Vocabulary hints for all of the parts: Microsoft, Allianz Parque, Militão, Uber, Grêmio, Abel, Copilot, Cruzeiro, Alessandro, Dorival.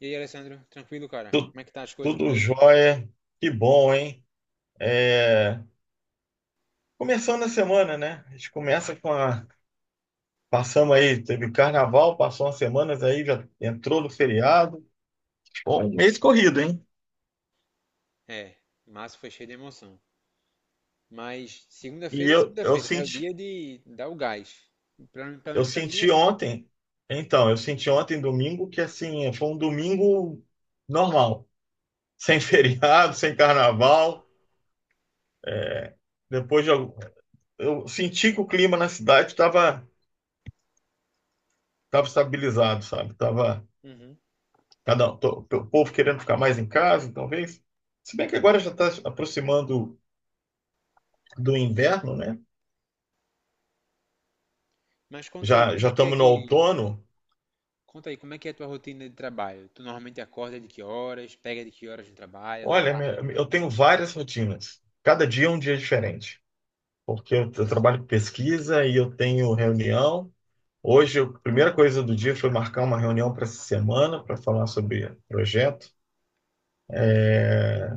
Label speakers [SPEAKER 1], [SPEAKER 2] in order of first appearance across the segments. [SPEAKER 1] E aí, Alessandro, tranquilo, cara?
[SPEAKER 2] Tu-
[SPEAKER 1] Como é que tá as coisas por
[SPEAKER 2] Tudo
[SPEAKER 1] aí?
[SPEAKER 2] jóia. Que bom, hein? É, Começando a semana, né? A gente começa com a. Passamos aí, teve carnaval, passou umas semanas aí, já entrou no feriado. Bom, um mês corrido, hein?
[SPEAKER 1] É, março foi cheio de emoção. Mas
[SPEAKER 2] E
[SPEAKER 1] segunda-feira é
[SPEAKER 2] eu, eu
[SPEAKER 1] segunda-feira, né? É o
[SPEAKER 2] senti,
[SPEAKER 1] dia de dar o gás. Pelo
[SPEAKER 2] eu
[SPEAKER 1] menos pra mim é
[SPEAKER 2] senti
[SPEAKER 1] assim.
[SPEAKER 2] ontem, então, eu senti ontem, domingo, que assim, foi um domingo normal, sem feriado, sem carnaval. Depois de, algum- eu senti que o clima na cidade estava estabilizado, sabe? Tava,
[SPEAKER 1] Uhum.
[SPEAKER 2] O povo querendo ficar mais em casa, talvez. Se bem que agora já está aproximando do inverno, né?
[SPEAKER 1] Mas conta aí,
[SPEAKER 2] Já
[SPEAKER 1] como
[SPEAKER 2] já
[SPEAKER 1] é que é
[SPEAKER 2] estamos no
[SPEAKER 1] que...
[SPEAKER 2] outono.
[SPEAKER 1] Conta aí, como é que é a tua rotina de trabalho? Tu normalmente acorda de que horas? Pega de que horas no trabalho lá?
[SPEAKER 2] Olha, eu tenho várias rotinas. Cada dia é um dia diferente, porque eu trabalho com pesquisa e eu tenho reunião. Hoje, a primeira coisa do dia foi marcar uma reunião para essa semana para falar sobre projeto. É,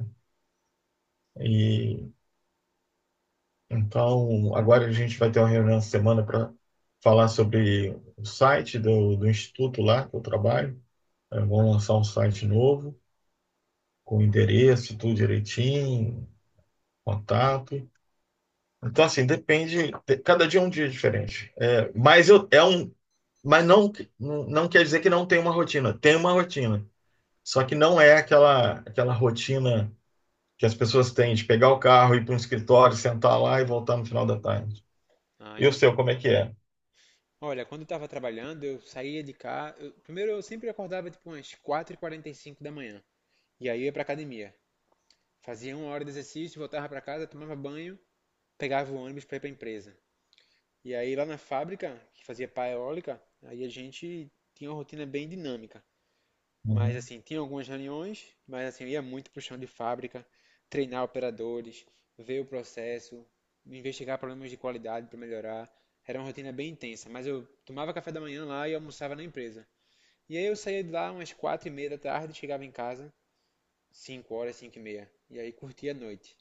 [SPEAKER 2] E Então, agora a gente vai ter uma reunião essa semana para falar sobre o site do instituto lá que eu trabalho. É, vão lançar um site novo, com endereço, tudo direitinho, contato. Então, assim, depende. Cada dia é um dia diferente. É, mas eu, é um, mas não, não quer dizer que não tem uma rotina. Tem uma rotina. Só que não é aquela rotina que as pessoas têm de pegar o carro, ir para um escritório, sentar lá e voltar no final da tarde.
[SPEAKER 1] Ah,
[SPEAKER 2] E o seu,
[SPEAKER 1] entendi.
[SPEAKER 2] como é que é?
[SPEAKER 1] Olha, quando eu tava trabalhando, eu saía de cá. Primeiro, eu sempre acordava tipo umas 4:45 da manhã. E aí eu ia pra academia. Fazia uma hora de exercício, voltava pra casa, tomava banho, pegava o ônibus pra ir pra empresa. E aí lá na fábrica, que fazia pá eólica, aí a gente tinha uma rotina bem dinâmica. Mas
[SPEAKER 2] Uhum.
[SPEAKER 1] assim, tinha algumas reuniões, mas assim, eu ia muito pro chão de fábrica, treinar operadores, ver o processo, investigar problemas de qualidade para melhorar. Era uma rotina bem intensa, mas eu tomava café da manhã lá e almoçava na empresa. E aí eu saía de lá umas 4:30 da tarde, chegava em casa, 5 horas, 5:30. E aí curtia a noite.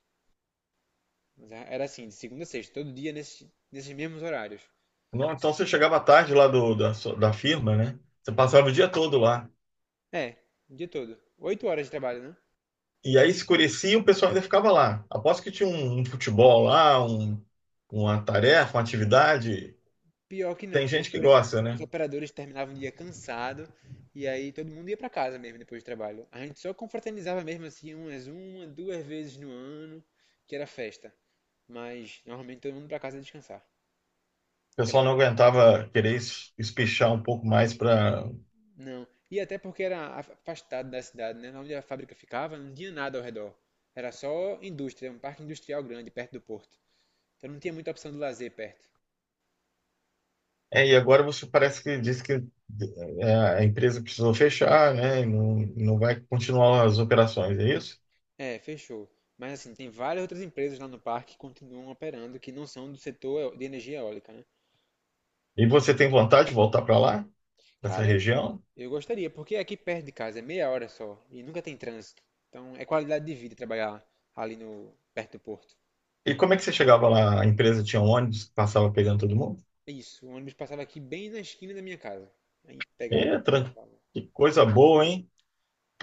[SPEAKER 1] Mas era assim, de segunda a sexta, todo dia nesses mesmos horários.
[SPEAKER 2] Não, então você chegava tarde lá da firma, né? Você passava o dia todo lá.
[SPEAKER 1] É, o dia todo. 8 horas de trabalho, né?
[SPEAKER 2] E aí escurecia e o pessoal ainda ficava lá. Aposto que tinha um, um futebol lá, uma tarefa, uma atividade.
[SPEAKER 1] Pior que não,
[SPEAKER 2] Tem
[SPEAKER 1] viu?
[SPEAKER 2] gente que gosta,
[SPEAKER 1] Os
[SPEAKER 2] né?
[SPEAKER 1] operadores terminavam o dia cansado e aí todo mundo ia pra casa mesmo depois do trabalho. A gente só confraternizava mesmo assim umas uma, duas vezes no ano, que era festa. Mas normalmente todo mundo pra casa descansar.
[SPEAKER 2] O
[SPEAKER 1] Que era
[SPEAKER 2] pessoal
[SPEAKER 1] bem.
[SPEAKER 2] não aguentava querer espichar um pouco mais para.
[SPEAKER 1] Não. E até porque era afastado da cidade, né? Onde a fábrica ficava, não tinha nada ao redor. Era só indústria, um parque industrial grande perto do porto. Então não tinha muita opção de lazer perto.
[SPEAKER 2] É, e agora você parece que disse que é, a empresa precisou fechar, né? E não, não vai continuar as operações, é isso?
[SPEAKER 1] É, fechou. Mas assim, tem várias outras empresas lá no parque que continuam operando que não são do setor de energia eólica, né?
[SPEAKER 2] E você tem vontade de voltar para lá, para essa
[SPEAKER 1] Cara, eu,
[SPEAKER 2] região?
[SPEAKER 1] eu gostaria, porque aqui perto de casa é meia hora só e nunca tem trânsito. Então é qualidade de vida trabalhar ali no, perto do porto.
[SPEAKER 2] E como é que você chegava lá? A empresa tinha um ônibus que passava pegando todo mundo?
[SPEAKER 1] É isso, o ônibus passava aqui bem na esquina da minha casa. Aí pegava,
[SPEAKER 2] É,
[SPEAKER 1] e
[SPEAKER 2] tran-
[SPEAKER 1] andava.
[SPEAKER 2] que coisa boa, hein?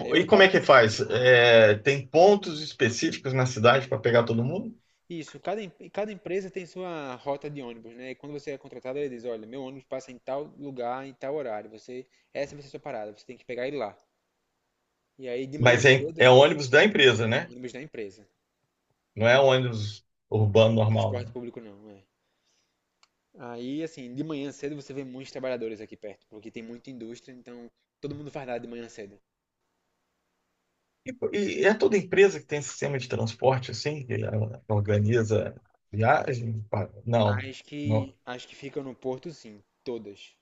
[SPEAKER 1] Aí eu
[SPEAKER 2] e como
[SPEAKER 1] andava.
[SPEAKER 2] é que faz? É, tem pontos específicos na cidade para pegar todo mundo?
[SPEAKER 1] Isso, cada empresa tem sua rota de ônibus, né? E quando você é contratado, ele diz: olha, meu ônibus passa em tal lugar, em tal horário. Você, essa vai ser a sua parada, você tem que pegar ele lá. E aí de manhã
[SPEAKER 2] Mas é, é
[SPEAKER 1] cedo.
[SPEAKER 2] ônibus da empresa, né?
[SPEAKER 1] Ônibus da empresa.
[SPEAKER 2] Não é ônibus urbano normal,
[SPEAKER 1] Transporte
[SPEAKER 2] né?
[SPEAKER 1] público não, é. Aí, assim, de manhã cedo você vê muitos trabalhadores aqui perto, porque tem muita indústria, então todo mundo fardado de manhã cedo.
[SPEAKER 2] E, pô, e é toda empresa que tem sistema de transporte assim, que ela organiza viagem? Não,
[SPEAKER 1] As que,
[SPEAKER 2] não.
[SPEAKER 1] as que ficam no porto, sim, todas.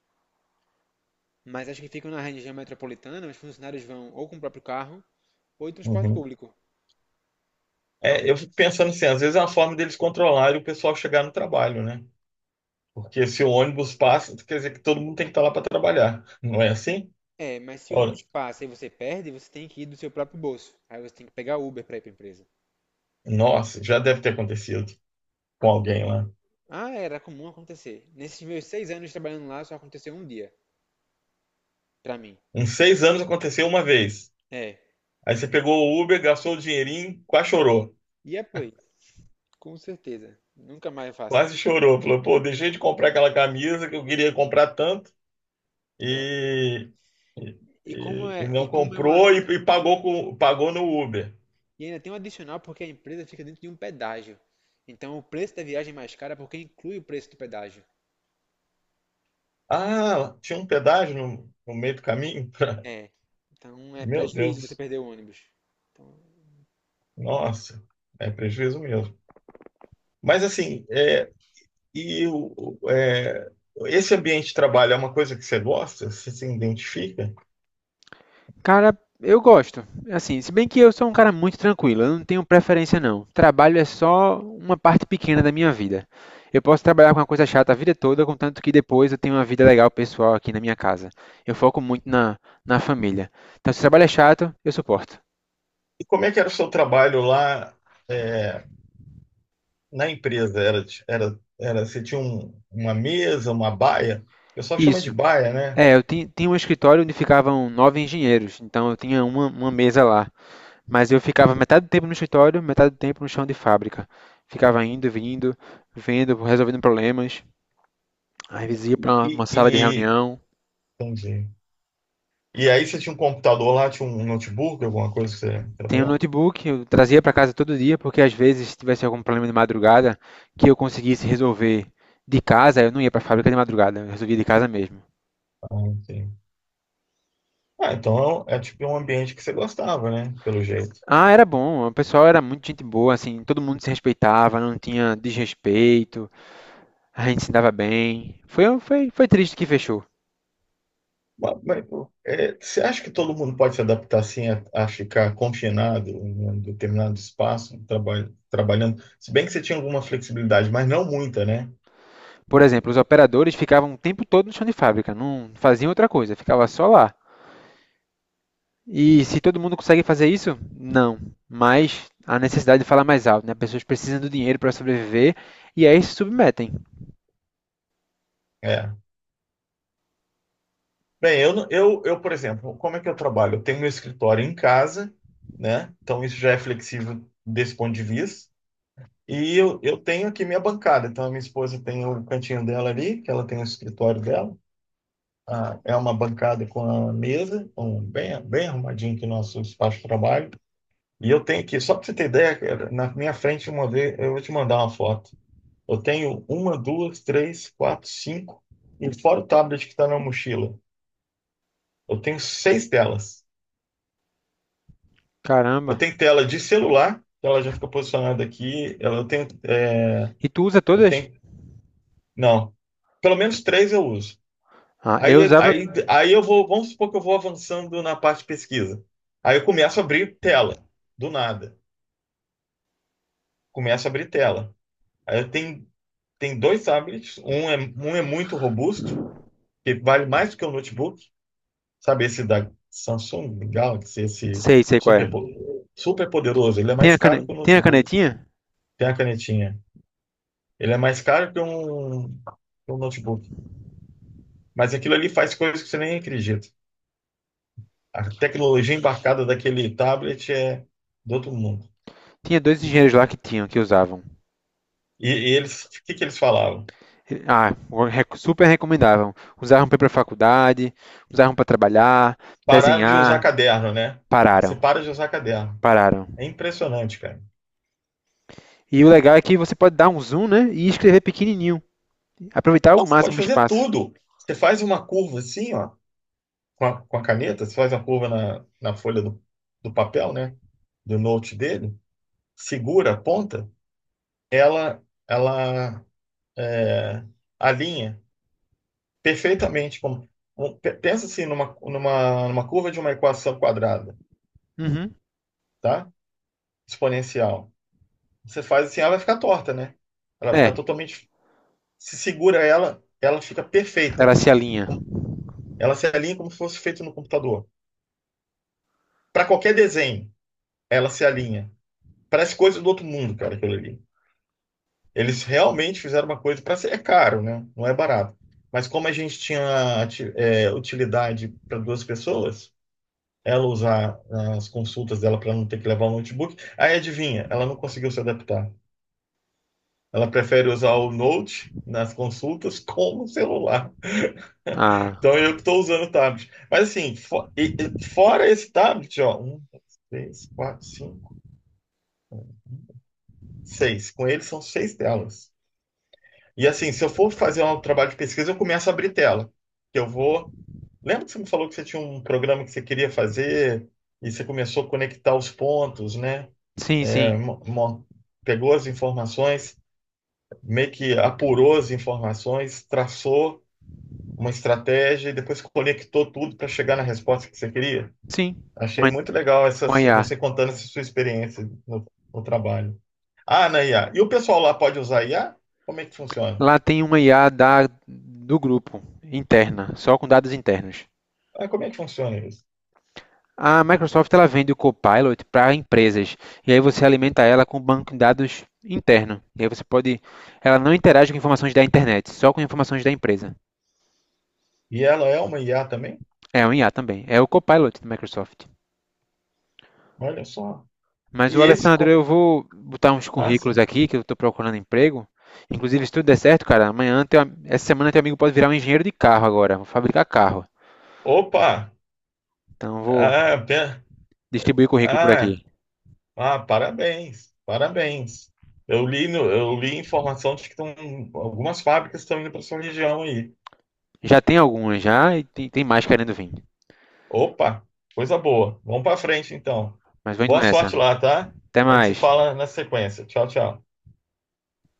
[SPEAKER 1] Mas as que ficam na região metropolitana, os funcionários vão ou com o próprio carro ou em transporte
[SPEAKER 2] Uhum.
[SPEAKER 1] público.
[SPEAKER 2] É, eu fico pensando assim, às vezes é uma forma deles controlarem o pessoal chegar no trabalho, né? Porque se o ônibus passa, quer dizer que todo mundo tem que estar lá para trabalhar. Não é assim?
[SPEAKER 1] É, mas se o
[SPEAKER 2] Olha,
[SPEAKER 1] ônibus passa e você perde, você tem que ir do seu próprio bolso. Aí você tem que pegar Uber pra ir pra empresa.
[SPEAKER 2] nossa, já deve ter acontecido com alguém lá.
[SPEAKER 1] Ah, era comum acontecer. Nesses meus 6 anos trabalhando lá, só aconteceu um dia, pra mim.
[SPEAKER 2] Uns seis anos aconteceu uma vez.
[SPEAKER 1] É.
[SPEAKER 2] Aí você pegou o Uber, gastou o dinheirinho, quase chorou.
[SPEAKER 1] E apoio? Com certeza. Nunca mais faço
[SPEAKER 2] Quase
[SPEAKER 1] isso.
[SPEAKER 2] chorou. Falou, pô, deixei de comprar aquela camisa que eu queria comprar tanto
[SPEAKER 1] É.
[SPEAKER 2] e, e,
[SPEAKER 1] E como
[SPEAKER 2] e
[SPEAKER 1] é, e
[SPEAKER 2] não
[SPEAKER 1] como é uma,
[SPEAKER 2] comprou e pagou, com, pagou no Uber.
[SPEAKER 1] e ainda tem um adicional porque a empresa fica dentro de um pedágio. Então o preço da viagem é mais cara porque inclui o preço do pedágio.
[SPEAKER 2] Ah, tinha um pedágio no, no meio do caminho?
[SPEAKER 1] É. Então é
[SPEAKER 2] Meu
[SPEAKER 1] prejuízo você
[SPEAKER 2] Deus,
[SPEAKER 1] perder o ônibus. Então,
[SPEAKER 2] nossa, é prejuízo mesmo. Mas assim, é, E é, esse ambiente de trabalho é uma coisa que você gosta? Você se identifica?
[SPEAKER 1] Cara, eu gosto. Assim, se bem que eu sou um cara muito tranquilo, eu não tenho preferência não. Trabalho é só uma parte pequena da minha vida. Eu posso trabalhar com uma coisa chata a vida toda, contanto que depois eu tenho uma vida legal pessoal aqui na minha casa. Eu foco muito na família. Então, se o trabalho é chato, eu suporto.
[SPEAKER 2] E como é que era o seu trabalho lá, é, na empresa? Você tinha uma mesa, uma baia? O pessoal chama de
[SPEAKER 1] Isso.
[SPEAKER 2] baia, né?
[SPEAKER 1] É, eu tinha um escritório onde ficavam nove engenheiros, então eu tinha uma mesa lá. Mas eu ficava metade do tempo no escritório, metade do tempo no chão de fábrica. Ficava indo, vindo, vendo, resolvendo problemas. Às vezes ia para uma uma sala de
[SPEAKER 2] E,
[SPEAKER 1] reunião.
[SPEAKER 2] entendi. E aí você tinha um computador lá, tinha um notebook, alguma coisa que você
[SPEAKER 1] Tem um
[SPEAKER 2] trabalhava?
[SPEAKER 1] notebook, eu trazia para casa todo dia, porque às vezes se tivesse algum problema de madrugada que eu conseguisse resolver de casa, eu não ia para a fábrica de madrugada, eu resolvia de casa mesmo.
[SPEAKER 2] Ah, entendi. Ah, então é, é tipo um ambiente que você gostava, né? Pelo jeito.
[SPEAKER 1] Ah, era bom, o pessoal era muito gente boa, assim, todo mundo se respeitava, não tinha desrespeito, a gente se dava bem. Foi triste que fechou.
[SPEAKER 2] Mas, mas, é, você acha que todo mundo pode se adaptar assim a ficar confinado em um determinado espaço, trabalhando? Se bem que você tinha alguma flexibilidade, mas não muita, né?
[SPEAKER 1] Por exemplo, os operadores ficavam o tempo todo no chão de fábrica, não faziam outra coisa, ficava só lá. E se todo mundo consegue fazer isso? Não. Mas a necessidade de falar mais alto, né? Pessoas precisam do dinheiro para sobreviver e aí se submetem.
[SPEAKER 2] É. Bem, eu, eu, por exemplo, como é que eu trabalho? Eu tenho meu escritório em casa, né? Então isso já é flexível desse ponto de vista. E eu tenho aqui minha bancada. Então a minha esposa tem o cantinho dela ali, que ela tem o escritório dela. Ah, é uma bancada com a mesa, um, bem, bem arrumadinho aqui o nosso espaço de trabalho. E eu tenho aqui, só para você ter ideia, cara, na minha frente uma vez, eu vou te mandar uma foto. Eu tenho uma, duas, três, quatro, cinco, e fora o tablet que está na mochila, eu tenho seis telas. Eu
[SPEAKER 1] Caramba.
[SPEAKER 2] tenho tela de celular, que ela já fica posicionada aqui. Eu tenho, é,
[SPEAKER 1] E tu usa
[SPEAKER 2] eu
[SPEAKER 1] todas?
[SPEAKER 2] tenho, não, pelo menos três eu uso.
[SPEAKER 1] Ah, eu
[SPEAKER 2] Aí,
[SPEAKER 1] usava.
[SPEAKER 2] aí, aí eu vou, vamos supor que eu vou avançando na parte de pesquisa. Aí eu começo a abrir tela, do nada. Começo a abrir tela. Aí eu tenho Tem dois tablets, um é muito robusto, que vale mais do que um notebook, sabe? Esse da Samsung Galaxy, esse
[SPEAKER 1] Sei, sei qual é.
[SPEAKER 2] super, super poderoso, ele é
[SPEAKER 1] Tem
[SPEAKER 2] mais
[SPEAKER 1] a
[SPEAKER 2] caro que um notebook,
[SPEAKER 1] canetinha?
[SPEAKER 2] tem a canetinha. Ele é mais caro que um notebook. Mas aquilo ali faz coisas que você nem acredita. A tecnologia embarcada daquele tablet é do outro mundo.
[SPEAKER 1] Tinha dois engenheiros lá que tinham, que usavam.
[SPEAKER 2] E eles, o que que eles falavam?
[SPEAKER 1] Ah, super recomendavam. Usavam para ir para faculdade, usavam para trabalhar,
[SPEAKER 2] Pararam de usar
[SPEAKER 1] desenhar.
[SPEAKER 2] caderno, né? Você
[SPEAKER 1] Pararam,
[SPEAKER 2] para de usar caderno.
[SPEAKER 1] pararam.
[SPEAKER 2] É impressionante, cara.
[SPEAKER 1] E o legal é que você pode dar um zoom, né? E escrever pequenininho. Aproveitar o
[SPEAKER 2] Não, você pode
[SPEAKER 1] máximo o
[SPEAKER 2] fazer
[SPEAKER 1] espaço.
[SPEAKER 2] tudo. Você faz uma curva assim, ó, com a caneta, você faz uma curva na, na folha do papel, né? Do note dele, segura a ponta, ela é, alinha perfeitamente. Como, pensa assim numa curva de uma equação quadrada,
[SPEAKER 1] Uhum.
[SPEAKER 2] tá? Exponencial. Você faz assim, ela vai ficar torta, né? Ela vai
[SPEAKER 1] É.
[SPEAKER 2] ficar totalmente. Se segura ela, ela fica
[SPEAKER 1] Ela
[SPEAKER 2] perfeita.
[SPEAKER 1] Gracialinha.
[SPEAKER 2] Ela se alinha como se fosse feito no computador. Para qualquer desenho. Ela se alinha. Parece coisa do outro mundo, cara, aquilo ali. Eles realmente fizeram uma coisa para ser é caro, né? Não é barato. Mas como a gente tinha é, utilidade para duas pessoas, ela usar as consultas dela para não ter que levar o notebook, aí adivinha, ela não conseguiu se adaptar. Ela prefere usar o Note nas consultas como o celular.
[SPEAKER 1] Ah,
[SPEAKER 2] Então eu que estou usando o tablet. Mas assim, e fora esse tablet, ó, um, dois, três, quatro, cinco, seis. Com ele são seis telas. E assim, se eu for fazer um trabalho de pesquisa, eu começo a abrir tela. Que eu vou. Lembra que você me falou que você tinha um programa que você queria fazer e você começou a conectar os pontos, né?
[SPEAKER 1] sim,
[SPEAKER 2] É,
[SPEAKER 1] sim.
[SPEAKER 2] pegou as informações, meio que apurou as informações, traçou uma estratégia e depois conectou tudo para chegar na resposta que você queria.
[SPEAKER 1] Sim, com
[SPEAKER 2] Achei
[SPEAKER 1] a,
[SPEAKER 2] muito legal essa,
[SPEAKER 1] com a IA.
[SPEAKER 2] você contando essa sua experiência no trabalho. Ah, na IA. E o pessoal lá pode usar IA? Como é que funciona?
[SPEAKER 1] Lá tem uma IA do grupo, interna, só com dados internos.
[SPEAKER 2] Ah, como é que funciona isso?
[SPEAKER 1] A Microsoft ela vende o Copilot para empresas, e aí você alimenta ela com o banco de dados interno. E aí você pode. Ela não interage com informações da internet, só com informações da empresa.
[SPEAKER 2] E ela é uma IA também?
[SPEAKER 1] É um IA também. É o Copilot da Microsoft.
[SPEAKER 2] Olha só.
[SPEAKER 1] Mas
[SPEAKER 2] E
[SPEAKER 1] o
[SPEAKER 2] esse.
[SPEAKER 1] Alessandro, eu vou botar uns
[SPEAKER 2] Ah, sim.
[SPEAKER 1] currículos aqui que eu estou procurando emprego. Inclusive, se tudo der certo, cara, amanhã, essa semana, teu amigo pode virar um engenheiro de carro agora. Vou fabricar carro.
[SPEAKER 2] Opa!
[SPEAKER 1] Então, eu vou
[SPEAKER 2] Ah, pe-
[SPEAKER 1] distribuir currículo por
[SPEAKER 2] ah,
[SPEAKER 1] aqui.
[SPEAKER 2] ah, parabéns, parabéns. Eu li, eu li informação de que tão, algumas fábricas estão indo para sua região aí.
[SPEAKER 1] Já tem algumas já e tem, mais querendo vir.
[SPEAKER 2] Opa, coisa boa. Vamos para frente então.
[SPEAKER 1] Mas vou indo
[SPEAKER 2] Boa
[SPEAKER 1] nessa.
[SPEAKER 2] sorte lá, tá?
[SPEAKER 1] Até
[SPEAKER 2] A gente se
[SPEAKER 1] mais.
[SPEAKER 2] fala na sequência. Tchau, tchau.